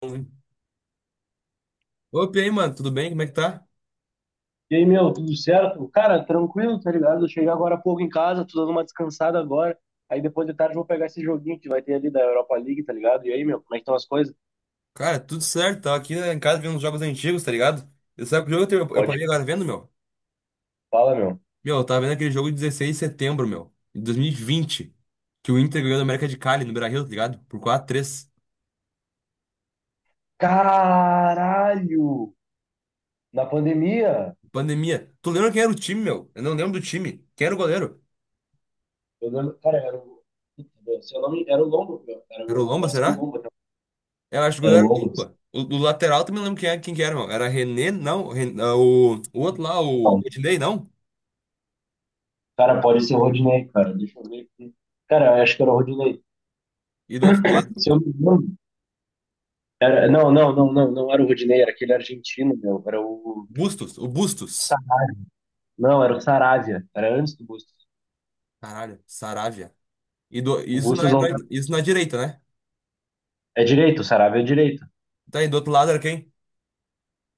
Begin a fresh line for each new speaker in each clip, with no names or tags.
Opa, e aí, mano, tudo bem? Como é que tá?
E aí, meu, tudo certo? Cara, tranquilo, tá ligado? Eu cheguei agora há pouco em casa, tô dando uma descansada agora. Aí depois de tarde eu vou pegar esse joguinho que vai ter ali da Europa League, tá ligado? E aí, meu, como é que estão as coisas?
Cara, tudo certo. Tava aqui, né, em casa vendo uns jogos antigos, tá ligado? E sabe que jogo eu
Pode
parei agora tá vendo, meu?
falar, meu.
Meu, eu tava vendo aquele jogo de 16 de setembro, meu, de 2020 que o Inter ganhou da América de Cali, no Beira-Rio, tá ligado? Por quatro x 3.
Caralho! Na pandemia,
Pandemia. Tu lembra quem era o time, meu? Eu não lembro do time. Quem era o goleiro?
eu lembro, cara, era o, se eu era o Lombo, meu, era
Era o
o
Lomba,
Marcelo
será?
Lombo,
Eu acho que o
era o
goleiro era
Lombo.
o Lomba. O lateral também não lembro quem que era, meu. Era René, não. O outro lá, o
Não,
Rodinei, não.
cara, pode ser o Rodinei, cara, deixa eu ver aqui. Cara, eu acho que era o Rodinei.
E do outro lado,
Se eu não me lembro, não, não, não, não, não era o Rodinei, era aquele argentino, meu,
Bustos. O Bustos.
Sa- Não, era o Saravia. Era antes do Bustos.
Caralho, Saravia.
O
Isso,
Bustos não tá,
isso na direita, né?
é direito, o Saravia é direito.
Tá, e do outro lado era quem?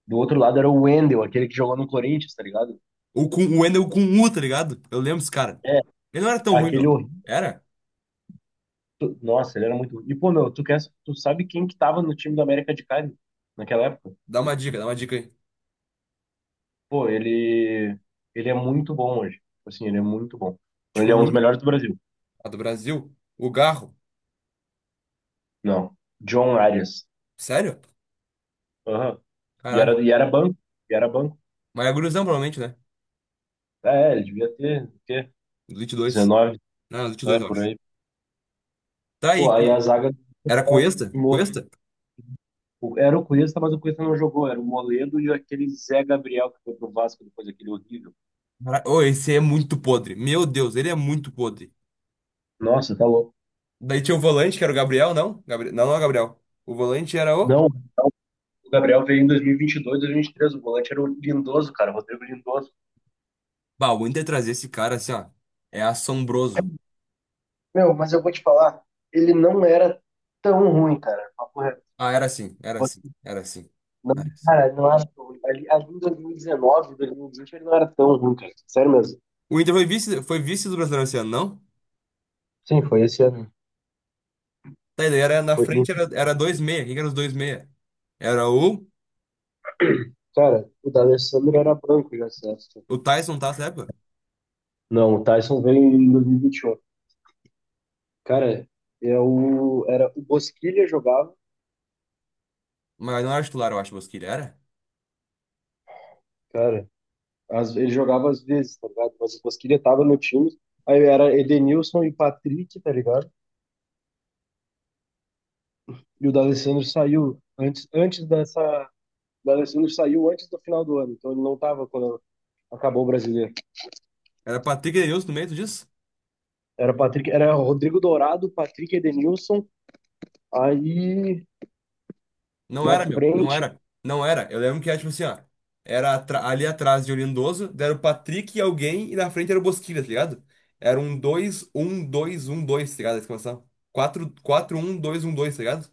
Do outro lado era o Wendel, aquele que jogou no Corinthians, tá ligado?
O Wendel com U, tá ligado? Eu lembro esse cara.
É,
Ele não era tão ruim,
aquele
meu.
horrível.
Era?
Nossa, ele era muito ruim. E, pô, meu, tu sabe quem que tava no time do América de Cali naquela época?
Dá uma dica aí.
Pô, ele. Ele é muito bom hoje. Tipo assim, ele é muito bom. Ele
Tipo,
é um dos
muito.
melhores do Brasil.
A do Brasil. O Garro.
Não. John Arias.
Sério?
Aham.
Caralho.
E era banco. E era banco.
Mas é gurizão, provavelmente, né?
É, ele devia ter, o quê?
Elite dois.
19.
Não, Elite 2
É,
eu
por
acho.
aí.
Tá
Pô,
aí.
aí a zaga
Era
era
Cuesta? Cuesta?
Era o Cuesta, mas o Cuesta não jogou. Era o Moledo e aquele Zé Gabriel que foi pro Vasco depois, aquele horrível.
Ô, esse é muito podre. Meu Deus, ele é muito podre.
Nossa, tá louco.
Daí tinha o volante, que era o Gabriel, não? Gabriel. Não, não é o Gabriel. O volante era o.
Não, o Gabriel veio em 2022, 2023. O volante era o Lindoso, cara, o Rodrigo Lindoso.
Bah, o Inter trazer esse cara assim, ó. É assombroso.
Meu, mas eu vou te falar, ele não era tão ruim, cara. Papo reto.
Ah, era assim, era
Tipo,
assim, era assim.
não,
Era assim.
cara, não era tão ruim. Ali em 2019, 2020, ele não era tão ruim, cara. Sério mesmo.
O Inter foi vice do Brasileiro esse ano, não?
Sim, foi esse ano.
Tá, e daí era na
Foi,
frente, era 2-6. Quem que era os 2-6? Era o,
cara, o D'Alessandro era branco já, certo?
o Tyson, tá, essa época?
Não, o Tyson veio em 2021. Cara, é era o Bosquilha jogava,
Mas não era titular, eu acho, Bosquilha. Era?
cara. Ele jogava às vezes, tá ligado? Mas o Bosquilha tava no time. Aí era Edenilson e Patrick, tá ligado? E o D'Alessandro saiu antes dessa. O D'Alessandro saiu antes do final do ano, então ele não tava quando acabou o brasileiro.
Era Patrick Edenilson no meio, tu disse?
Era Patrick, era Rodrigo Dourado, Patrick Edenilson, aí
Não
na
era, meu. Não
frente,
era. Não era. Eu lembro que era tipo assim, ó. Era ali atrás de Lindoso, era o Patrick e alguém, e na frente era o Bosquilha, tá ligado? Era um dois um dois um dois, tá ligado? A exclamação. Quatro um dois, tá ligado?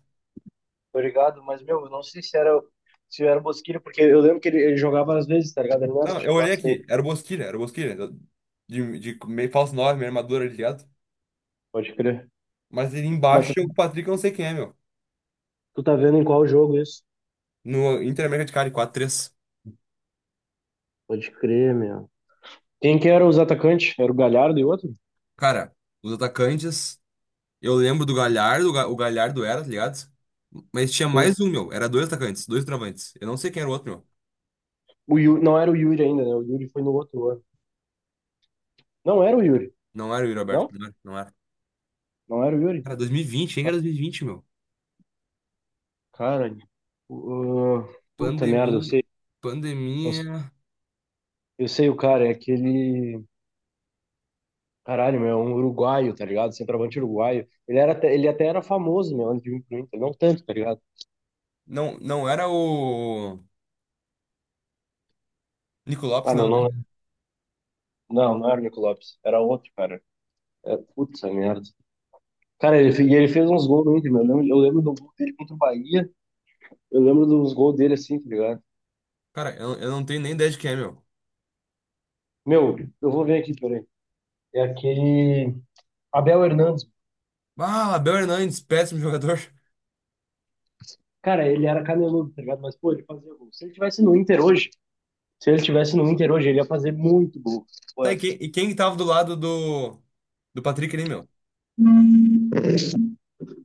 tá ligado? Mas, meu, eu não sei se era o Bosquilha, porque eu lembro que ele jogava às vezes, tá ligado? Ele não era
Não, eu olhei
titular
aqui,
sempre,
era o Bosquilha, de, meio falso 9, meio armadura, tá ligado?
pode crer.
Mas ele
Mas tu
embaixo é o Patrick, eu não sei quem é, meu.
Tu tá vendo em qual jogo isso?
No Inter Americano de 4x3,
Pode crer, meu. Quem que era os atacantes? Era o Galhardo e o outro?
cara, os atacantes, eu lembro do Galhardo, o Galhardo era, tá ligado? Mas tinha
Sim.
mais um, meu, era dois atacantes, dois travantes. Eu não sei quem era o outro, meu.
O Yuri, não era o Yuri ainda, né? O Yuri foi no outro ano. Não era o Yuri.
Não era o Yuri
Não?
Alberto, não era. Não era.
Não era o Yuri.
Cara, 2020, quem era 2020, meu?
Cara, uh, puta merda, eu
Pandemia,
sei. Eu,
pandemia.
eu sei o cara, é aquele. Caralho, meu, é um uruguaio, tá ligado? Centroavante uruguaio. Ele até era famoso, meu, antes de vir pro Inter. Não tanto, tá ligado?
Não, não era o Nico Lopes,
Ah,
não,
meu,
né?
não, não, não era o Nico Lopes. Era outro, cara. É, puta merda. Cara, e ele fez uns gols no Inter, meu. Eu lembro do gol dele contra o Bahia. Eu lembro dos gols dele assim, tá ligado?
Cara, eu não tenho nem ideia de quem é, meu.
Meu, eu vou ver aqui, peraí. É aquele. Abel Hernandes.
Ah, Abel Hernandes, péssimo jogador.
Cara, ele era caneludo, tá ligado? Mas, pô, ele fazia gol. Se ele tivesse no Inter hoje, ele ia fazer muito gol. Pô,
Sabe quem, e quem que tava do lado do Patrick ali, meu?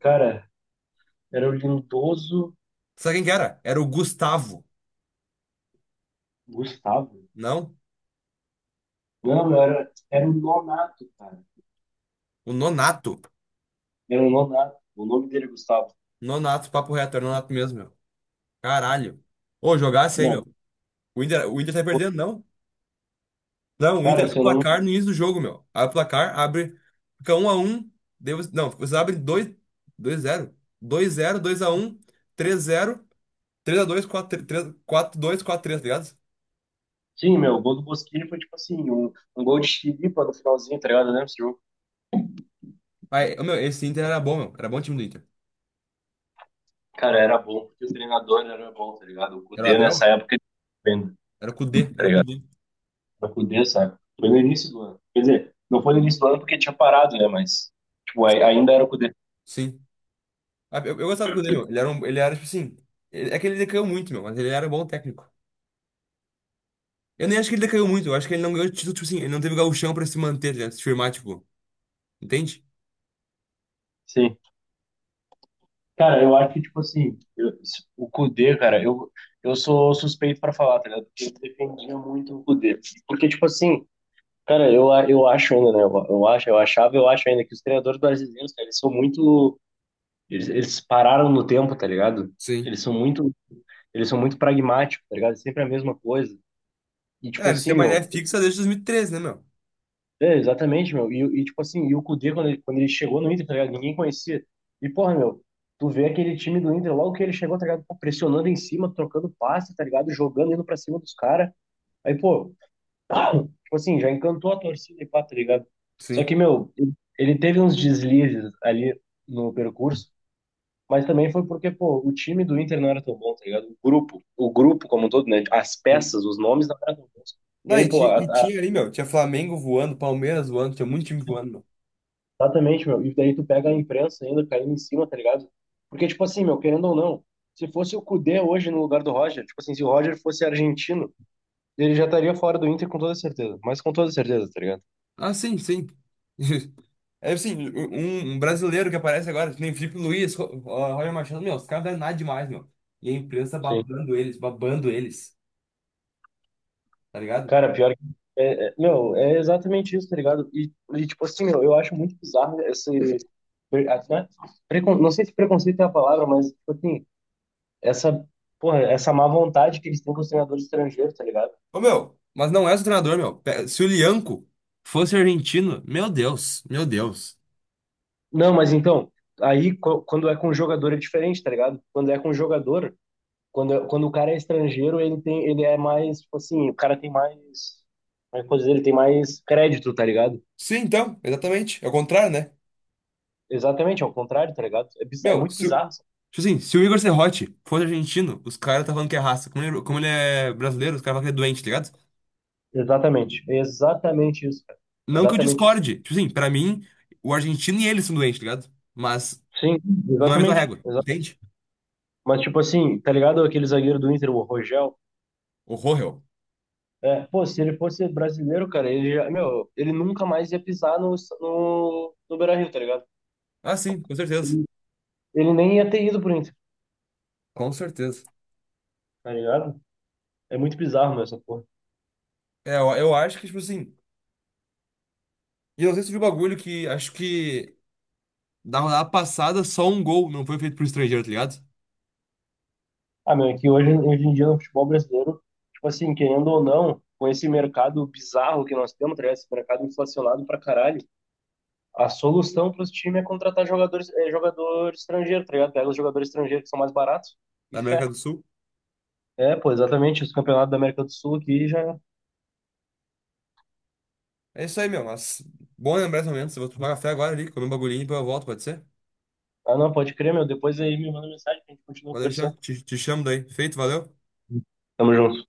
cara, era o Lindoso
Sabe quem que era? Era o Gustavo.
Gustavo.
Não?
Não, era o Nonato, cara.
O Nonato.
Era o Nonato. O nome dele é Gustavo.
Nonato, papo reto, era o Nonato mesmo, meu. Caralho. Ô, jogasse aí, meu.
Não,
O Inter tá perdendo, não? Não, o Inter
cara,
abre o
seu
placar
nome.
no início do jogo, meu. Abre o placar, abre. Fica um 1x1. Não, você abre dois, dois zero, dois zero, dois a um, três zero, três a dois, quatro, x 2 4x3, 4x2, tá ligado?
Sim, meu, o gol do Bosquilha foi tipo assim, um gol de chilipa no finalzinho, tá ligado? Né?
Aí, ô, meu, esse Inter era bom, meu. Era bom time do Inter.
Cara, era bom porque o treinador era bom, tá ligado? O
Era o
Kudê
Abel?
nessa época, ele tava bem,
Era o Kudê,
tá
era o
ligado?
Kudê.
O Kudê, sabe? Foi no início do ano. Quer dizer, não foi no início do ano porque tinha parado, né? Mas, tipo, ainda era o Kudê.
Sim. Ah, eu gostava do Kudê, meu. Ele era tipo assim. É que ele decaiu muito, meu, mas ele era um bom técnico. Eu nem acho que ele decaiu muito, eu acho que ele não ganhou título, tipo assim, ele não teve gauchão pra se manter, tá se firmar, tipo. Entende?
Sim. Cara, eu acho que, tipo assim, o Kudê, cara, eu sou suspeito pra falar, tá ligado? Porque eu defendia muito o Kudê. Porque, tipo assim, cara, eu acho ainda, né? Eu acho ainda que os treinadores brasileiros, cara, eles são muito. Eles pararam no tempo, tá ligado?
Sim.
Eles são muito Eles são muito pragmáticos, tá ligado? É sempre a mesma coisa. E, tipo
É, eles têm
assim,
uma ideia
meu,
fixa desde 2013, né, meu?
é, exatamente, meu. E, tipo assim, e o Kudê, quando ele chegou no Inter, tá ligado? Ninguém conhecia. E, porra, meu, tu vê aquele time do Inter, logo que ele chegou, tá ligado? Pô, pressionando em cima, trocando passe, tá ligado? Jogando, indo pra cima dos caras. Aí, pô, tipo assim, já encantou a torcida e pá, tá ligado? Só
Sim.
que, meu, ele teve uns deslizes ali no percurso. Mas também foi porque, pô, o time do Inter não era tão bom, tá ligado? O grupo como um todo, né? As
Sim.
peças, os nomes não eram tão bons. E
Não,
aí,
e,
pô,
ti- e tinha ali, meu, tinha Flamengo voando, Palmeiras voando, tinha muito time voando, meu.
exatamente, meu. E daí tu pega a imprensa ainda caindo em cima, tá ligado? Porque, tipo assim, meu, querendo ou não, se fosse o Cudê hoje no lugar do Roger, tipo assim, se o Roger fosse argentino, ele já estaria fora do Inter com toda certeza. Mas com toda certeza, tá ligado?
Ah, sim, sim. É assim, um brasileiro que aparece agora, que nem Felipe Luiz, Roger Machado, meu, os caras não é nada demais, meu. E a imprensa
Sim.
babando eles, tá ligado?
Cara, pior que. Meu, é exatamente isso, tá ligado? E, tipo assim, meu, eu acho muito bizarro esse. Até, não sei se preconceito é a palavra, mas, tipo assim, essa. Porra, essa má vontade que eles têm com os treinadores estrangeiros, tá ligado?
Ô, meu, mas não é só treinador, meu. Se o Lianco fosse argentino, meu Deus, meu Deus.
Não, mas então, aí quando é com um jogador é diferente, tá ligado? Quando é com um jogador, quando o cara é estrangeiro, ele é mais, tipo assim, o cara tem mais. Como é que eu posso dizer? Ele tem mais crédito, tá ligado?
Sim, então, exatamente. É o contrário, né?
Exatamente, ao contrário, tá ligado? É
Meu,
muito
se, o-
bizarro.
tipo assim, se o Igor Serrote fosse argentino, os caras tá falando que é raça. Como ele é brasileiro, os caras falam que é doente, tá ligado?
Exatamente, é exatamente isso, cara.
Não que eu
Exatamente isso.
discorde. Tipo assim, pra mim, o argentino e ele são doentes, tá ligado? Mas
Sim,
não é a mesma
exatamente.
régua, entende?
Mas, tipo assim, tá ligado aquele zagueiro do Inter, o Rogel?
Horror, eu.
É, pô, se ele fosse brasileiro, cara, ele já, meu, ele nunca mais ia pisar no Beira-Rio, tá ligado?
Ah, sim, com certeza.
Ele, ele nem ia ter ido pro Inter,
Com certeza.
tá ligado? É muito bizarro, meu, essa porra.
É, eu acho que, tipo assim. E eu não sei se de um bagulho que acho que na rodada passada só um gol não foi feito por estrangeiro, tá ligado?
Ah, meu, é que hoje em dia no futebol brasileiro, tipo assim, querendo ou não, com esse mercado bizarro que nós temos, tá ligado? Esse mercado inflacionado pra caralho, a solução para os times é contratar jogadores, é, jogador estrangeiro, tá ligado? Pega os jogadores estrangeiros que são mais baratos e
Da América
fé.
do Sul.
É, pô, exatamente. Os campeonatos da América do Sul aqui já.
É isso aí, meu. Mas bom lembrar esse momento. Eu vou tomar café agora ali, comer um bagulhinho e depois eu volto, pode ser?
Ah, não, pode crer, meu. Depois aí me manda mensagem que a gente continua
Pode deixar.
conversando.
Te chamo daí. Feito, valeu.
Tamo junto.